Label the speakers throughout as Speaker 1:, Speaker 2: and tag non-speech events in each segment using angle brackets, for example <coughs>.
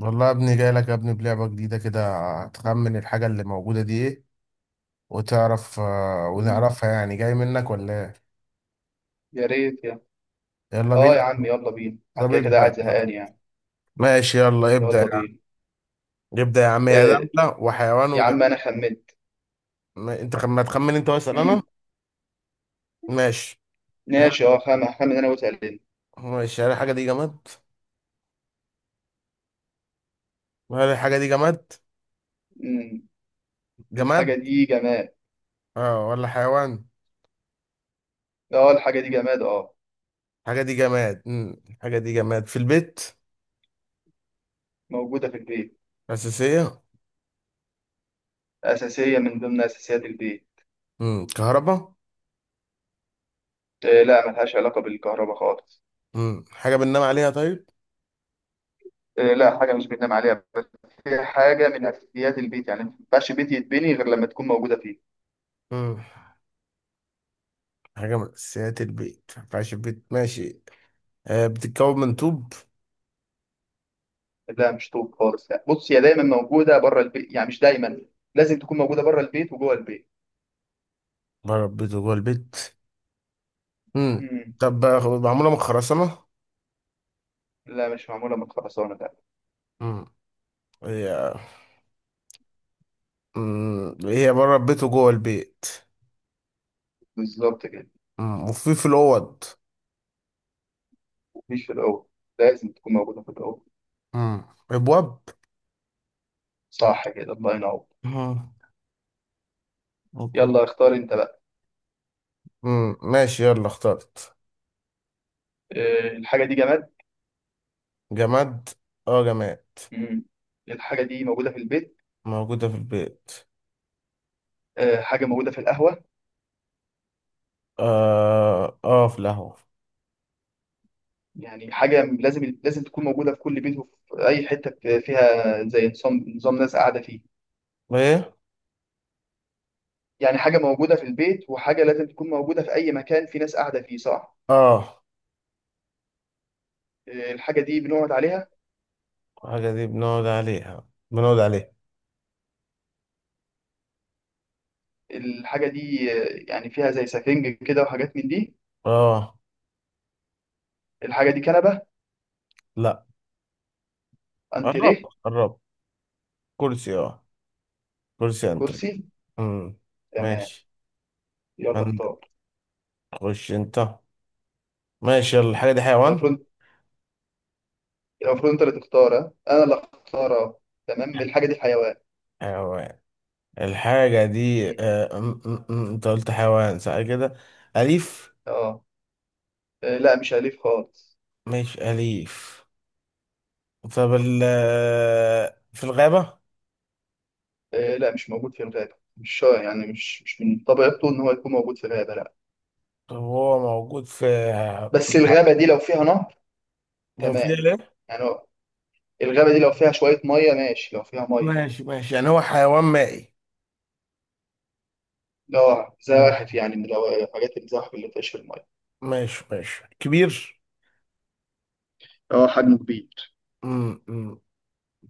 Speaker 1: والله يا ابني، جاي لك يا ابني بلعبة جديدة كده. هتخمن الحاجة اللي موجودة دي ايه؟ وتعرف
Speaker 2: مم.
Speaker 1: ونعرفها، يعني جاي منك ولا ايه.
Speaker 2: يا ريت يا.
Speaker 1: يلا
Speaker 2: اه
Speaker 1: بينا.
Speaker 2: يا عم، يلا بينا، انا
Speaker 1: طب
Speaker 2: كده كده قاعد
Speaker 1: ابدأ.
Speaker 2: زهقان يعني.
Speaker 1: ماشي، يلا ابدأ يا
Speaker 2: يلا
Speaker 1: عم.
Speaker 2: بينا.
Speaker 1: ابدأ يا عم، يا
Speaker 2: آه
Speaker 1: دولة وحيوان
Speaker 2: يا
Speaker 1: وجماد.
Speaker 2: عم انا خمنت.
Speaker 1: ما تخمن انت واسأل
Speaker 2: مم.
Speaker 1: انا. ماشي. ها.
Speaker 2: ماشي، اه، هخمن انا وانت قاعدين.
Speaker 1: ماشي، هل الحاجة دي جماد؟ هل الحاجة دي جماد؟
Speaker 2: مم. الحاجه
Speaker 1: جماد.
Speaker 2: دي جماد.
Speaker 1: اه ولا حيوان؟
Speaker 2: اه الحاجه دي جماد، اه
Speaker 1: الحاجة دي جماد. الحاجة دي جماد في البيت.
Speaker 2: موجوده في البيت.
Speaker 1: أساسية.
Speaker 2: اساسيه من ضمن اساسيات البيت.
Speaker 1: كهرباء.
Speaker 2: آه لا، ملهاش علاقه بالكهرباء خالص.
Speaker 1: حاجة بننام عليها؟ طيب.
Speaker 2: آه لا، حاجه مش بننام عليها بس. هي حاجه من اساسيات البيت، يعني ما ينفعش بيت يتبني غير لما تكون موجوده فيه.
Speaker 1: مم. حاجة من أساسيات البيت، ما ينفعش البيت. ماشي. آه، بتتكون من طوب؟
Speaker 2: لا مش طوب خالص، يعني بص، هي دايما موجوده بره البيت، يعني مش دايما. لازم تكون موجوده بره البيت وجوه البيت.
Speaker 1: بره البيت وجوه البيت. مم.
Speaker 2: مم.
Speaker 1: طب معمولة من خرسانة؟
Speaker 2: لا مش معمولة من خرسانة، لا.
Speaker 1: مم. هي. مم. هي بره البيت وجوه البيت.
Speaker 2: بالظبط كده.
Speaker 1: مم. وفي الأوض.
Speaker 2: مفيش في الأول. لازم تكون موجودة في الأول.
Speaker 1: مم. أبواب.
Speaker 2: صح كده، الله ينور.
Speaker 1: مم. أوضة.
Speaker 2: يلا اختار أنت بقى.
Speaker 1: مم. ماشي، يلا اخترت.
Speaker 2: أه الحاجة دي جماد.
Speaker 1: جماد. اه جماد.
Speaker 2: مم. الحاجة دي موجودة في البيت.
Speaker 1: موجودة في البيت.
Speaker 2: أه حاجة موجودة في القهوة.
Speaker 1: اه، اه، في القهوة.
Speaker 2: يعني حاجة لازم تكون موجودة في كل بيت، وفي أي حتة فيها، زي نظام نظام ناس قاعدة فيه.
Speaker 1: ايه.
Speaker 2: يعني حاجة موجودة في البيت، وحاجة لازم تكون موجودة في أي مكان في ناس قاعدة فيه، صح.
Speaker 1: اه،
Speaker 2: أه الحاجة دي بنقعد عليها.
Speaker 1: الحاجة دي بنقعد عليها، بنقعد عليها.
Speaker 2: الحاجة دي، يعني فيها زي سفنج كده وحاجات من دي.
Speaker 1: اه.
Speaker 2: الحاجة دي كنبة.
Speaker 1: لا. قربت
Speaker 2: انتريه.
Speaker 1: قربت. كرسي، اه. كرسي انتري.
Speaker 2: كرسي.
Speaker 1: امم
Speaker 2: تمام.
Speaker 1: ماشي.
Speaker 2: يلا
Speaker 1: عندك؟
Speaker 2: اختار.
Speaker 1: خش انت. ماشي، يلا الحاجة دي حيوان.
Speaker 2: المفروض المفروض انت اللي تختار، ها؟ انا اللي اختار، اه. تمام الحاجه دي حيوان.
Speaker 1: حيوان. الحاجة دي
Speaker 2: مم.
Speaker 1: آه، أم- أم- أم، انت قلت حيوان صح كده؟ أليف.
Speaker 2: اه. آه، لا مش اليف خالص.
Speaker 1: مش أليف. طب ال آه، في الغابة؟
Speaker 2: آه، لا مش موجود في الغابه، مش يعني، مش من طبيعته ان هو يكون موجود في الغابه، لا.
Speaker 1: طب هو موجود في؟
Speaker 2: بس الغابه دي لو فيها نهر.
Speaker 1: لو في
Speaker 2: تمام.
Speaker 1: ليه؟
Speaker 2: يعني هو. الغابه دي لو فيها شويه ميه، ماشي، لو فيها ميه.
Speaker 1: ماشي ماشي، يعني هو حيوان مائي.
Speaker 2: اه
Speaker 1: نعم.
Speaker 2: زواحف، يعني من حاجات الزواحف اللي بتعيش في الميه.
Speaker 1: ماشي ماشي، كبير.
Speaker 2: اه حجمه كبير.
Speaker 1: أم- أم-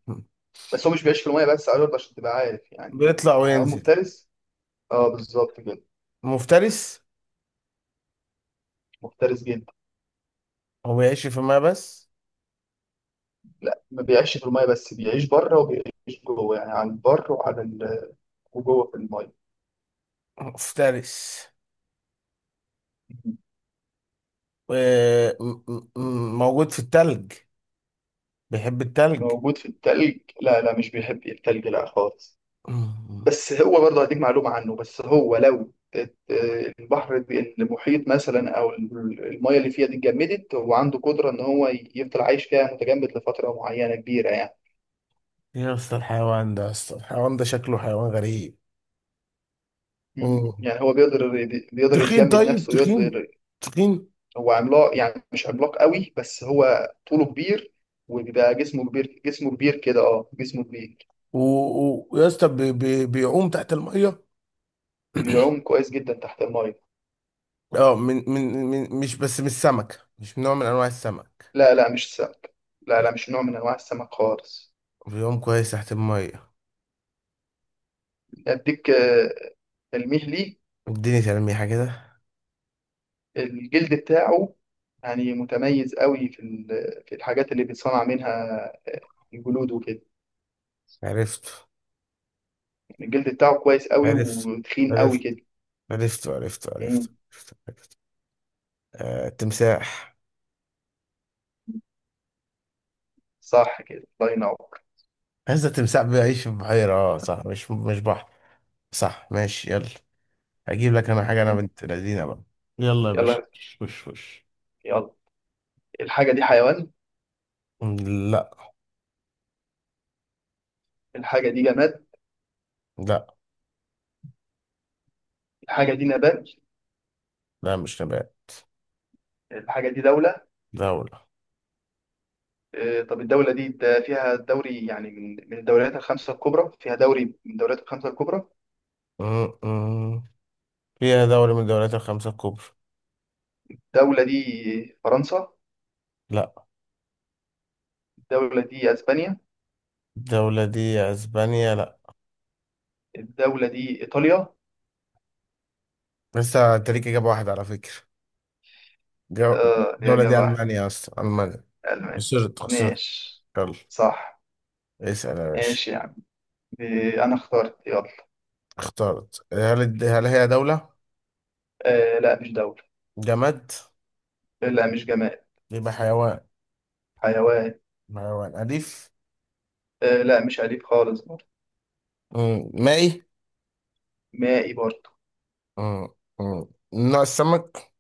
Speaker 1: أم.
Speaker 2: بس هو مش بيعيش في الميه بس، عايز برضه عشان تبقى عارف يعني
Speaker 1: بيطلع
Speaker 2: هو حيوان
Speaker 1: وينزل.
Speaker 2: مفترس. اه بالظبط كده.
Speaker 1: مفترس.
Speaker 2: مفترس جدا.
Speaker 1: هو يعيش في ما بس.
Speaker 2: لا، ما بيعيش في المايه بس، بيعيش بره وبيعيش جوه، يعني على البر وعلى وجوه في المايه.
Speaker 1: مفترس. و- موجود في التلج. بيحب التلج.
Speaker 2: موجود في التلج؟ لا لا مش بيحب التلج، لا خالص.
Speaker 1: مم.
Speaker 2: بس هو برضه هديك معلومة عنه، بس هو لو المحيط مثلا، او المايه اللي فيها دي اتجمدت، هو عنده قدرة ان هو يفضل عايش فيها متجمد لفترة معينة كبيرة يعني.
Speaker 1: ايه يا اسطى الحيوان ده، يا اسطى الحيوان ده شكله حيوان غريب.
Speaker 2: مم.
Speaker 1: مم.
Speaker 2: يعني هو بيقدر. بيقدر
Speaker 1: تخين،
Speaker 2: يتجمد
Speaker 1: طيب
Speaker 2: نفسه،
Speaker 1: تخين.
Speaker 2: ويقدر.
Speaker 1: تخين.
Speaker 2: هو عملاق، يعني مش عملاق قوي، بس هو طوله كبير. وبيبقى جسمه كبير، جسمه كبير كده، اه جسمه كبير.
Speaker 1: و- ويا اسطى، بيعوم تحت الميه.
Speaker 2: بيعوم كويس جدا تحت المايه.
Speaker 1: اه، من مش بس، مش سمكة، مش من نوع من انواع السمك.
Speaker 2: لا لا مش سمك. لا لا مش نوع من انواع السمك خالص.
Speaker 1: بيعوم كويس تحت الميه.
Speaker 2: اديك تلميح ليه.
Speaker 1: اديني تلميحة كده.
Speaker 2: الجلد بتاعه، يعني متميز قوي في الحاجات اللي بيتصنع منها الجلود وكده.
Speaker 1: عرفته.
Speaker 2: يعني الجلد بتاعه كويس قوي
Speaker 1: عرفت
Speaker 2: وتخين قوي
Speaker 1: عرفت
Speaker 2: كده.
Speaker 1: عرفت عرفت
Speaker 2: مم.
Speaker 1: عرفت. عرفت. آه، تمساح.
Speaker 2: صح كده، الله ينور.
Speaker 1: هذا التمساح بيعيش في بحيرة، اه؟ صح، مش بحر. صح، ماشي، يلا. هجيب لك انا حاجة، انا
Speaker 2: مم.
Speaker 1: بنت لذينة بقى. يلا يا باشا.
Speaker 2: يلا
Speaker 1: وش وش.
Speaker 2: يلا. الحاجة دي حيوان.
Speaker 1: لا.
Speaker 2: الحاجة دي جماد.
Speaker 1: لا.
Speaker 2: الحاجه دي نبات.
Speaker 1: لا مش نبات.
Speaker 2: الحاجه دي دوله.
Speaker 1: دولة.
Speaker 2: طب الدوله دي ده فيها دوري، يعني من الدوريات الخمسه الكبرى، فيها دوري من الدوريات الخمسه الكبرى.
Speaker 1: م- م. فيها دولة من الدولات الخمسة الكبرى.
Speaker 2: الدوله دي فرنسا.
Speaker 1: لا.
Speaker 2: الدوله دي اسبانيا.
Speaker 1: الدولة دي اسبانيا؟ لا.
Speaker 2: الدوله دي ايطاليا.
Speaker 1: لسه انت ليك اجابة واحدة على فكرة. جو...
Speaker 2: اه يا
Speaker 1: الدولة دي
Speaker 2: جماعه.
Speaker 1: المانيا، اصلا المانيا.
Speaker 2: المانيا.
Speaker 1: خسرت خسرت.
Speaker 2: ماشي.
Speaker 1: يلا.
Speaker 2: صح.
Speaker 1: اسأل يا باشا.
Speaker 2: ماشي يعني. انا اخترت. يلا.
Speaker 1: اخترت، هل هي دولة؟
Speaker 2: آه لا مش دوله.
Speaker 1: جماد؟
Speaker 2: لا مش جماد.
Speaker 1: يبقى حيوان.
Speaker 2: حيوان.
Speaker 1: حيوان أليف؟
Speaker 2: آه لا مش اليف خالص برضه.
Speaker 1: مم. مائي؟
Speaker 2: مائي برضه.
Speaker 1: مم. مم. من نوع السمك؟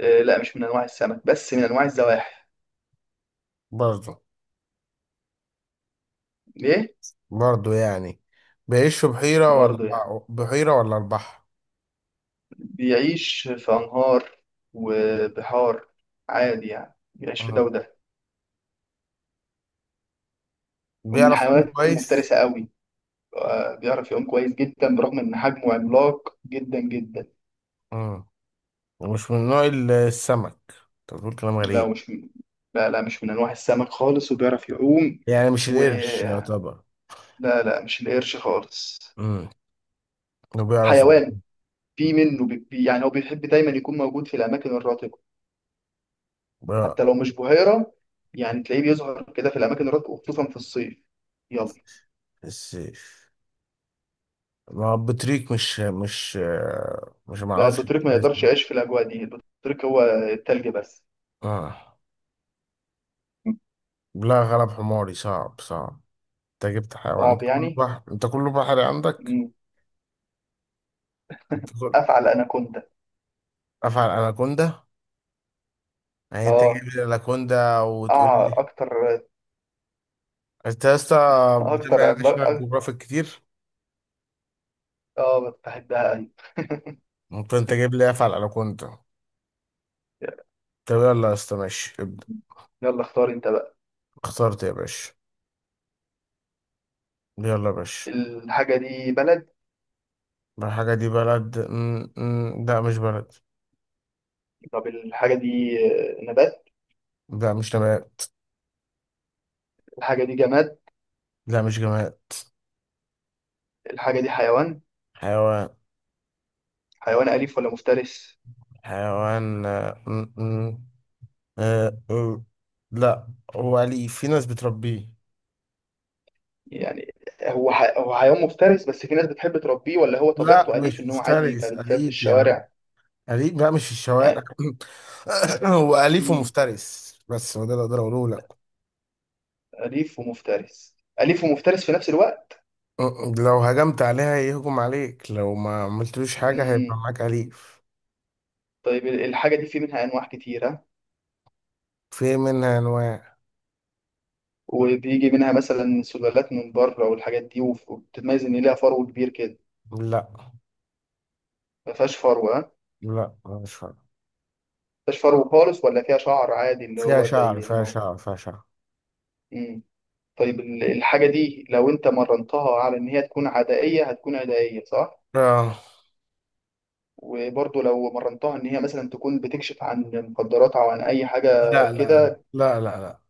Speaker 2: آه لا مش من انواع السمك، بس من انواع الزواحف.
Speaker 1: برضه.
Speaker 2: ليه؟
Speaker 1: برضه يعني. بيعيش في بحيرة ولا؟
Speaker 2: برضه يعني.
Speaker 1: بحيرة ولا البحر؟
Speaker 2: بيعيش في أنهار وبحار، عادي، يعني بيعيش في ده
Speaker 1: مم.
Speaker 2: وده. ومن
Speaker 1: بيعرف يعوم
Speaker 2: الحيوانات
Speaker 1: كويس.
Speaker 2: المفترسة قوي. بيعرف يعوم كويس جدا، برغم إن حجمه عملاق جدا جدا.
Speaker 1: مم. ومش من نوع السمك؟ طب بتقول كلام
Speaker 2: لا
Speaker 1: غريب.
Speaker 2: مش من. لا لا مش من أنواع السمك خالص، وبيعرف يعوم.
Speaker 1: يعني مش
Speaker 2: و
Speaker 1: القرش يعتبر؟
Speaker 2: لا لا مش القرش خالص.
Speaker 1: مم. انه بيعرف.
Speaker 2: حيوان. في منه بي... بي- يعني هو بيحب دايما يكون موجود في الأماكن الرطبة، حتى
Speaker 1: بقى.
Speaker 2: لو مش بحيرة. يعني تلاقيه بيظهر كده في الأماكن الرطبة، وخصوصا في الصيف.
Speaker 1: السيف. ما هو بطريق مش. مش
Speaker 2: لا،
Speaker 1: معرفش.
Speaker 2: البطريق ما يقدرش
Speaker 1: اسمه.
Speaker 2: يعيش في الاجواء دي، البطريق هو التلج بس.
Speaker 1: آه. لا، غلب حماري، صعب صعب. انت جبت حيوان، انت
Speaker 2: صعب
Speaker 1: كله
Speaker 2: يعني.
Speaker 1: بحر، انت كله بحري عندك.
Speaker 2: مم.
Speaker 1: انت كله.
Speaker 2: افعل اناكوندا.
Speaker 1: افعل اناكوندا. يعني انت جايب
Speaker 2: اه
Speaker 1: لي اناكوندا وتقول
Speaker 2: اه
Speaker 1: لي؟
Speaker 2: اكتر.
Speaker 1: انت يا اسطى،
Speaker 2: اكتر
Speaker 1: بتبقى
Speaker 2: عملاق
Speaker 1: ناشونال جيوغرافيك كتير.
Speaker 2: اه. بحبها أوي. <laughs>
Speaker 1: ممكن انت جايب لي افعل اناكوندا. طب يلا يا اسطى، ماشي ابدا.
Speaker 2: يلا اختار انت بقى.
Speaker 1: اخترت يا باشا. يلا يا باشا.
Speaker 2: الحاجه دي بلد.
Speaker 1: ما الحاجة دي بلد، لا مش بلد.
Speaker 2: طب الحاجه دي نبات.
Speaker 1: لا مش نبات.
Speaker 2: الحاجه دي جماد.
Speaker 1: لا مش جماد.
Speaker 2: الحاجه دي حيوان.
Speaker 1: حيوان.
Speaker 2: حيوان اليف ولا مفترس؟
Speaker 1: حيوان آه، آه، لا. هو أليف، في ناس بتربيه.
Speaker 2: يعني هو هو حيوان مفترس، بس في ناس بتحب تربيه، ولا هو
Speaker 1: لا،
Speaker 2: طبيعته اليف
Speaker 1: مش
Speaker 2: ان هو عادي يبقى
Speaker 1: مفترس،
Speaker 2: بيتلعب في
Speaker 1: أليف يا عم.
Speaker 2: الشوارع.
Speaker 1: أليف بقى، مش في الشوارع.
Speaker 2: يعني.
Speaker 1: <coughs> هو أليف
Speaker 2: مم.
Speaker 1: ومفترس بس، هو ده اللي أقدر أقوله لك.
Speaker 2: أليف ومفترس. أليف ومفترس في نفس الوقت.
Speaker 1: لو هجمت عليها يهجم عليك، لو ما عملتلوش حاجة
Speaker 2: مم.
Speaker 1: هيبقى معاك أليف.
Speaker 2: طيب الحاجة دي في منها أنواع كتيرة،
Speaker 1: في منها أنواع.
Speaker 2: وبيجي منها مثلا سلالات من بره والحاجات دي، وبتتميز إن ليها فرو كبير كده.
Speaker 1: لا،
Speaker 2: ما فيهاش فرو، ها، ما
Speaker 1: لا مش فاهم.
Speaker 2: فيهاش فرو خالص، ولا فيها شعر عادي اللي
Speaker 1: فيها
Speaker 2: هو
Speaker 1: شعر،
Speaker 2: زي
Speaker 1: فيها
Speaker 2: لما هو.
Speaker 1: شعر، فيها شعر.
Speaker 2: مم. طيب الحاجة دي لو أنت مرنتها على إن هي تكون عدائية هتكون عدائية، صح؟
Speaker 1: آه.
Speaker 2: وبرضه لو مرنتها إن هي مثلا تكون بتكشف عن مخدرات أو عن أي حاجة
Speaker 1: لا لا لا
Speaker 2: كده.
Speaker 1: لا لا لا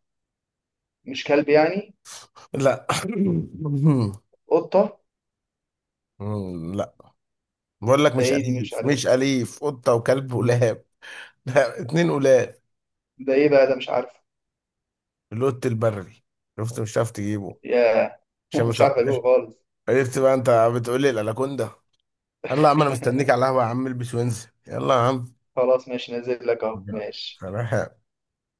Speaker 2: مش كلب يعني.
Speaker 1: لا.
Speaker 2: قطة.
Speaker 1: <coughs> لا. بقول لك
Speaker 2: ده
Speaker 1: مش
Speaker 2: إيه دي، مش
Speaker 1: أليف،
Speaker 2: عارف.
Speaker 1: مش أليف، قطة وكلب ولاب. لا اتنين ولاب.
Speaker 2: ده إيه بقى ده، مش عارف.
Speaker 1: اللوت البري. شفت، مش هتعرف تجيبه.
Speaker 2: يا.
Speaker 1: عشان
Speaker 2: <laughs> مش
Speaker 1: بس.
Speaker 2: عارف اجيبه خالص.
Speaker 1: عرفت بقى انت. بتقول لي الاناكوندا. يلا يا عم، انا مستنيك على
Speaker 2: <laughs>
Speaker 1: القهوه يا عم، البس وانزل يلا يا عم.
Speaker 2: خلاص ماشي، نازل لك اهو، ماشي.
Speaker 1: سلام.